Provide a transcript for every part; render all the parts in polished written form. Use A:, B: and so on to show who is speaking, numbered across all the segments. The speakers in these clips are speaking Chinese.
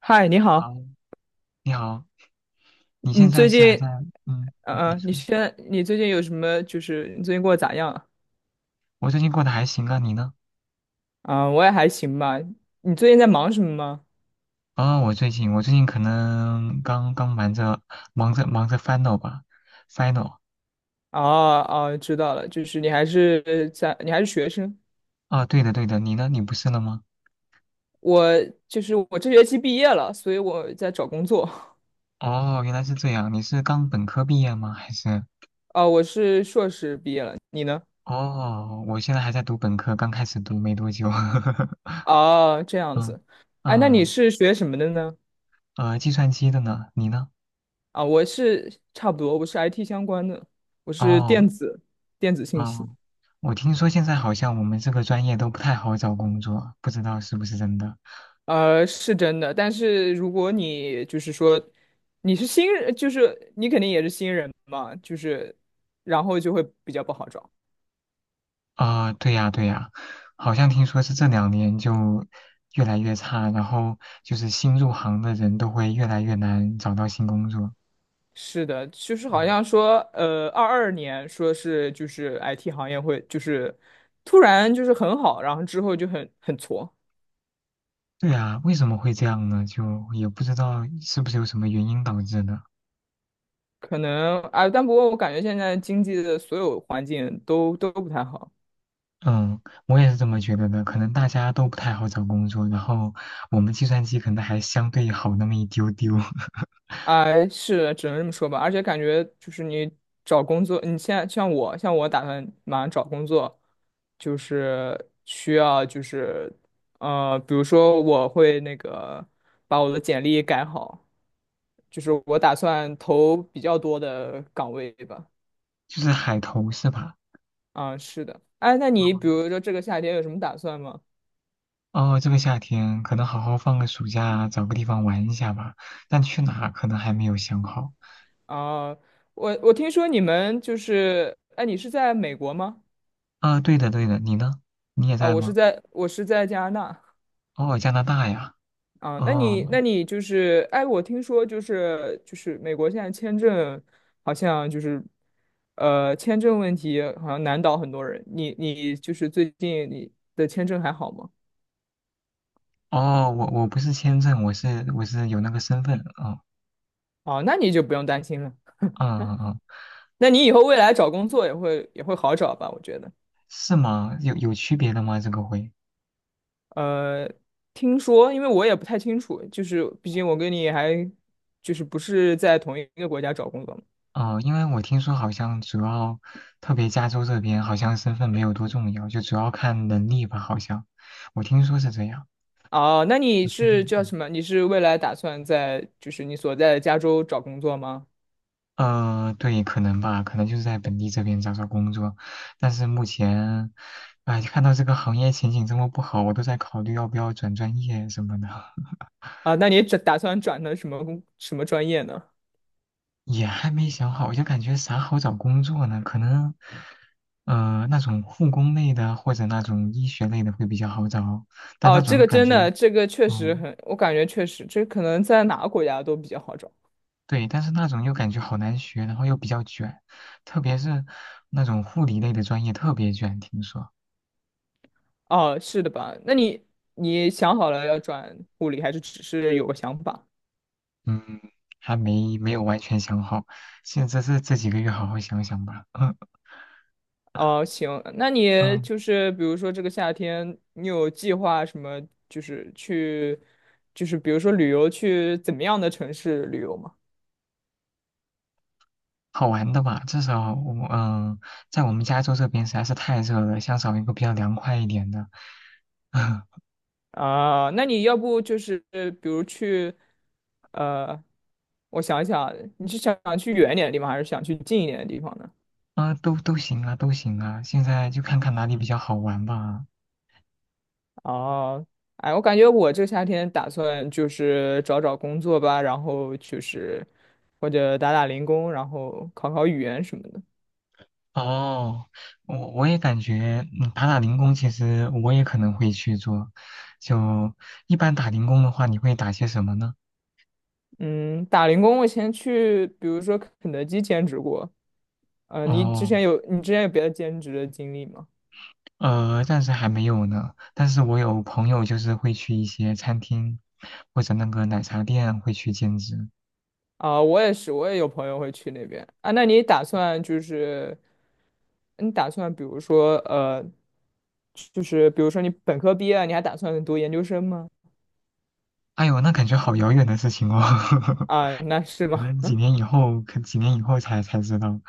A: 嗨，你
B: 你
A: 好，
B: 好，你好，你
A: 你
B: 现在
A: 最
B: 是
A: 近，
B: 还在？嗯，
A: 嗯、
B: 你
A: 呃，
B: 你
A: 嗯你
B: 说。
A: 现你最近有什么？就是你最近过得咋样啊？
B: 我最近过得还行啊，你呢？
A: 我也还行吧。你最近在忙什么吗？
B: 我最近可能刚刚忙着忙着 final 吧，final。
A: 哦哦，知道了，就是你还是在，你还是学生。
B: 啊，对的对的，你呢？你不是了吗？
A: 我就是我这学期毕业了，所以我在找工作。
B: 哦，原来是这样，你是刚本科毕业吗？还是？
A: 我是硕士毕业了，你呢？
B: 哦，我现在还在读本科，刚开始读没多久。
A: 哦，这样
B: 嗯
A: 子。哎，那你
B: 嗯。
A: 是学什么的呢？
B: 计算机的呢？你呢？
A: 我是差不多，我是 IT 相关的，我是
B: 哦
A: 电子信息。
B: 哦，我听说现在好像我们这个专业都不太好找工作，不知道是不是真的。
A: 呃，是真的，但是如果你就是说你是新人，就是你肯定也是新人嘛，就是然后就会比较不好找。
B: 对呀，对呀，好像听说是这两年就越来越差，然后就是新入行的人都会越来越难找到新工作。
A: 是的，就是好
B: 嗯。
A: 像说，二二年说是就是 IT 行业会突然就是很好，然后之后就很挫，
B: 对呀，为什么会这样呢？就也不知道是不是有什么原因导致的。
A: 可能啊，但不过我感觉现在经济的所有环境都不太好。
B: 嗯，我也是这么觉得的。可能大家都不太好找工作，然后我们计算机可能还相对好那么一丢丢。
A: 哎，是，只能这么说吧。而且感觉就是你找工作，你现在像我，像我打算马上找工作，就是需要呃，比如说我会那个把我的简历改好，就是我打算投比较多的岗位吧。
B: 就是海投是吧？
A: 啊，是的。哎，那你比如说这个夏天有什么打算吗？
B: 哦，这个夏天可能好好放个暑假，找个地方玩一下吧。但去哪儿可能还没有想好。
A: 啊，我听说你们就是，哎，你是在美国吗？
B: 啊，对的对的，你呢？你也
A: 啊，
B: 在吗？
A: 我是在加拿大。
B: 哦，加拿大呀。
A: 啊，那你
B: 哦
A: 那你就是，哎，我听说美国现在签证好像就是，呃，签证问题好像难倒很多人。你就是最近你的签证还好吗？
B: 哦，我不是签证，我是有那个身份。哦，
A: 啊，那你就不用担心了。
B: 嗯嗯嗯。
A: 那你以后未来找工作也会好找吧？我觉得。
B: 是吗？有区别的吗？这个会？
A: 呃，听说，因为我也不太清楚，就是毕竟我跟你还就是不是在同一个国家找工作嘛。
B: 哦，因为我听说好像主要，特别加州这边好像身份没有多重要，就主要看能力吧，好像。我听说是这样。
A: 哦，那你
B: 不确定。
A: 是叫
B: 嗯。
A: 什么？你是未来打算在就是你所在的加州找工作吗？
B: 对，可能吧，可能就是在本地这边找找工作。但是目前，哎，看到这个行业前景这么不好，我都在考虑要不要转专业什么的。
A: 啊，那你转打算转的什么专业呢？
B: 也还没想好，我就感觉啥好找工作呢？可能，呃，那种护工类的或者那种医学类的会比较好找，但那
A: 哦，
B: 种
A: 这
B: 又
A: 个
B: 感
A: 真
B: 觉，
A: 的，这个确实
B: 嗯，
A: 很，我感觉确实，这可能在哪个国家都比较好找。
B: 对，但是那种又感觉好难学，然后又比较卷，特别是那种护理类的专业特别卷，听说。
A: 哦，是的吧？那你你想好了要转护理，还是只是有个想法？
B: 嗯，还没有完全想好，现在这几个月好好想想吧。嗯
A: 哦，行，那你
B: 嗯，
A: 就是比如说这个夏天，你有计划什么？就是去，就是比如说旅游，去怎么样的城市旅游吗？
B: 好玩的吧，至少我嗯，在我们加州这边实在是太热了，想找一个比较凉快一点的。啊。
A: 啊，那你要不呃比如去，呃，我想一想，你是想去远一点的地方，还是想去近一点的地方呢？
B: 啊，都行啊，都行啊，现在就看看哪里比较好玩吧。
A: 哦，哎，我感觉我这个夏天打算就是找找工作吧，然后就是或者打打零工，然后考考语言什么的。
B: 哦，我也感觉，嗯，打打零工其实我也可能会去做。就一般打零工的话，你会打些什么呢？
A: 嗯，打零工我以前去，比如说肯德基兼职过。
B: 哦。
A: 你之前有别的兼职的经历吗？
B: 呃，暂时还没有呢，但是我有朋友就是会去一些餐厅或者那个奶茶店会去兼职。
A: 啊，我也是，我也有朋友会去那边啊。那你打算就是，你打算比如说就是比如说你本科毕业了你还打算读研究生吗？
B: 哎呦，那感觉好遥远的事情哦。
A: 啊，那是
B: 可
A: 吗？
B: 能几年以后，几年以后才知道。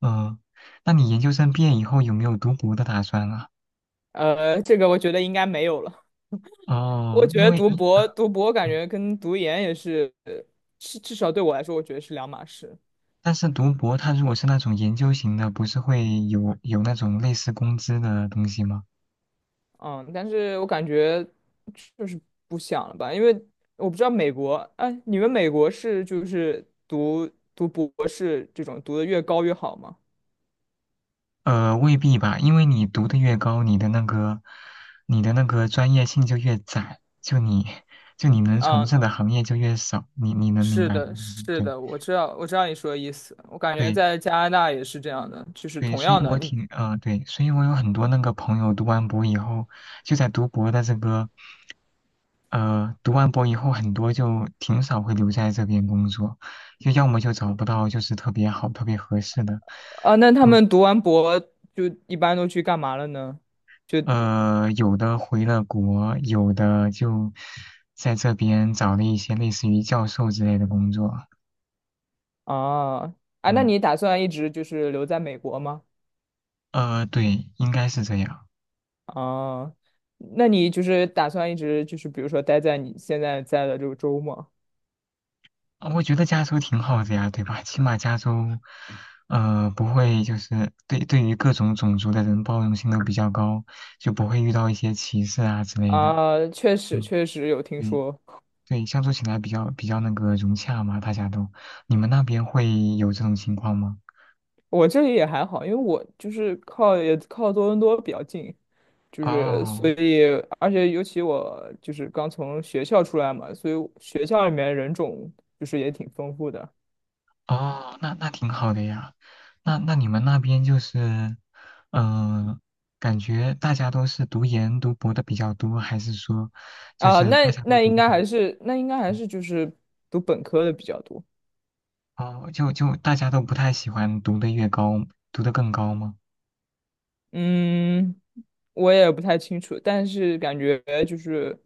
B: 嗯，那你研究生毕业以后有没有读博的打算啊？
A: 呃，这个我觉得应该没有了。
B: 哦，
A: 我觉
B: 因
A: 得
B: 为
A: 读
B: 嗯一，
A: 博读博感
B: 嗯
A: 觉跟读研也是，至少对我来说，我觉得是两码事。
B: 但是读博它如果是那种研究型的，不是会有那种类似工资的东西吗？
A: 嗯，但是我感觉就是不想了吧，因为我不知道美国，哎，你们美国是就是读博士这种读的越高越好吗？
B: 呃，未必吧，因为你读的越高，你的那个，你的那个专业性就越窄，就你，就你能从
A: 嗯，
B: 事的行业就越少，你你能明
A: 是
B: 白吗？
A: 的，是
B: 对
A: 的，我知道，我知道你说的意思。我感觉
B: 对
A: 在加拿大也是这样的，就是
B: 对，
A: 同
B: 所以
A: 样的，
B: 我
A: 你
B: 挺呃对，所以我有很多那个朋友读完博以后，就在读博的这个，呃，读完博以后很多就挺少会留在这边工作，就要么就找不到就是特别好、特别合适的，
A: 啊，那他
B: 就。
A: 们读完博就一般都去干嘛了呢？就
B: 呃，有的回了国，有的就在这边找了一些类似于教授之类的工作。
A: 啊，啊，那
B: 嗯，
A: 你打算一直就是留在美国吗？
B: 呃，对，应该是这样。
A: 啊，那你就是打算一直就是比如说待在你现在在的这个州吗？
B: 啊我觉得加州挺好的呀，对吧？起码加州，呃，不会就是对于各种种族的人包容性都比较高，就不会遇到一些歧视啊之类的。
A: 啊，确实
B: 嗯，
A: 确实有听
B: 对
A: 说，
B: 对，相处起来比较那个融洽嘛，大家都。你们那边会有这种情况吗？
A: 我这里也还好，因为我就是靠也靠多伦多比较近，就是所
B: 哦。
A: 以而且尤其我就是刚从学校出来嘛，所以学校里面人种就是也挺丰富的
B: 哦，那那挺好的呀。那你们那边就是，嗯、感觉大家都是读研读博的比较多，还是说，就
A: 啊，
B: 是大家都读的很
A: 那应该还
B: 嗯。
A: 是就是读本科的比较多，
B: 哦，就大家都不太喜欢读的越高，读的更高吗？
A: 嗯。我也不太清楚，但是感觉就是，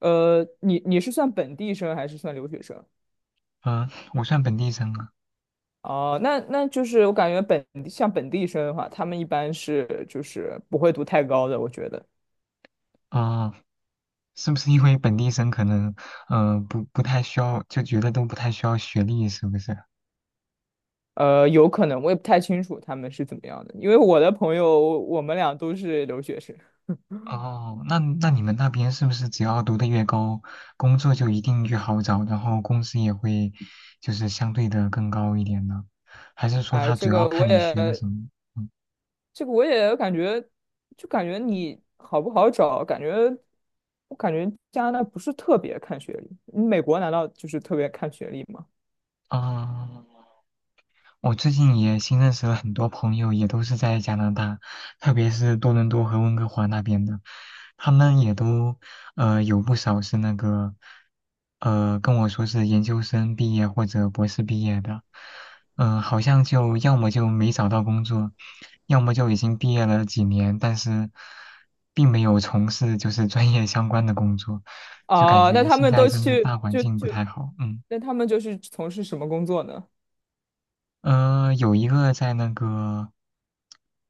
A: 呃，你是算本地生还是算留学生？
B: 嗯、我算本地生啊。
A: 哦，那就是我感觉本地像本地生的话，他们一般是就是不会读太高的，我觉得，
B: 哦，是不是因为本地生可能，嗯、不太需要，就觉得都不太需要学历，是不是？
A: 呃，有可能我也不太清楚他们是怎么样的，因为我的朋友我们俩都是留学生，
B: 哦，那那你们那边是不是只要读得越高，工作就一定越好找，然后工资也会就是相对的更高一点呢？还是说
A: 哎，
B: 他主要看你学的什么？嗯，
A: 这个我也感觉，就感觉你好不好找，感觉我感觉加拿大不是特别看学历，美国难道就是特别看学历吗？
B: 啊。我最近也新认识了很多朋友，也都是在加拿大，特别是多伦多和温哥华那边的，他们也都呃有不少是那个呃跟我说是研究生毕业或者博士毕业的，嗯、好像就要么就没找到工作，要么就已经毕业了几年，但是并没有从事就是专业相关的工作，就感
A: 啊，
B: 觉现在真的大环境不太好，嗯。
A: 那他们就是从事什么工作呢？
B: 呃，有一个在那个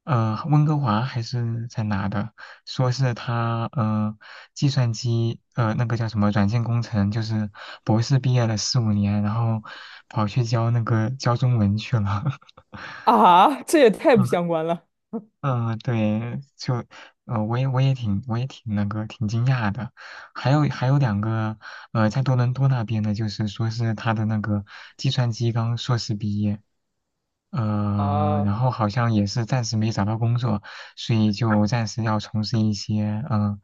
B: 呃温哥华还是在哪的，说是他呃计算机呃那个叫什么软件工程，就是博士毕业了4、5年，然后跑去教那个教中文去了。
A: 啊，这也太不 相关了
B: 嗯，对，就，呃，我也挺那个挺惊讶的，还有两个，呃，在多伦多那边的，就是说是他的那个计算机刚硕士毕业，呃，
A: 啊
B: 然后好像也是暂时没找到工作，所以就暂时要从事一些，嗯、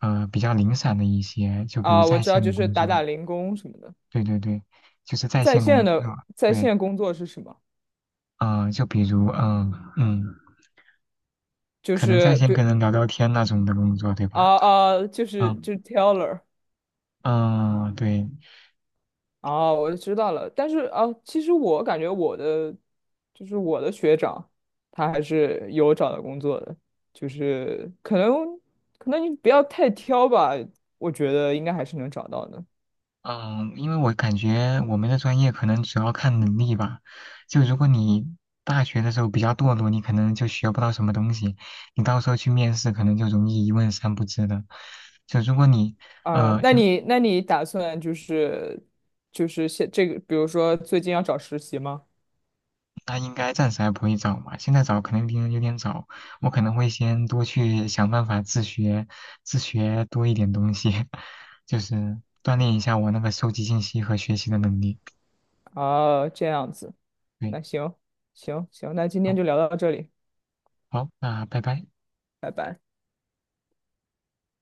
B: 呃，比较零散的一些，就比如
A: 啊！我
B: 在
A: 知道，
B: 线的
A: 就是
B: 工
A: 打
B: 作，
A: 打零工什么的。
B: 对对对，就是在线工作，
A: 在
B: 对，
A: 线工作是什么？
B: 呃，就比如，嗯、嗯，
A: 就
B: 可能在
A: 是
B: 线跟
A: 对
B: 人聊聊天那种的工作，对吧？
A: 啊，就是
B: 嗯
A: 就是 teller。
B: 嗯，对，
A: 啊，我知道了。但是啊，其实我感觉我的就是我的学长，他还是有找到工作的，就是可能你不要太挑吧，我觉得应该还是能找到的。
B: 嗯，因为我感觉我们的专业可能主要看能力吧。就如果你大学的时候比较堕落，你可能就学不到什么东西，你到时候去面试可能就容易一问三不知的。就如果你
A: 啊，
B: 呃，
A: 那
B: 就
A: 你那你打算就是就是现这个，比如说最近要找实习吗？
B: 那应该暂时还不会找嘛，现在找可能别人有点早，我可能会先多去想办法自学，自学多一点东西。就是锻炼一下我那个收集信息和学习的能力。
A: 啊，这样子，
B: 对，
A: 那行行行，那今天
B: 好，
A: 就聊到这里，
B: 好，那拜拜。
A: 拜拜。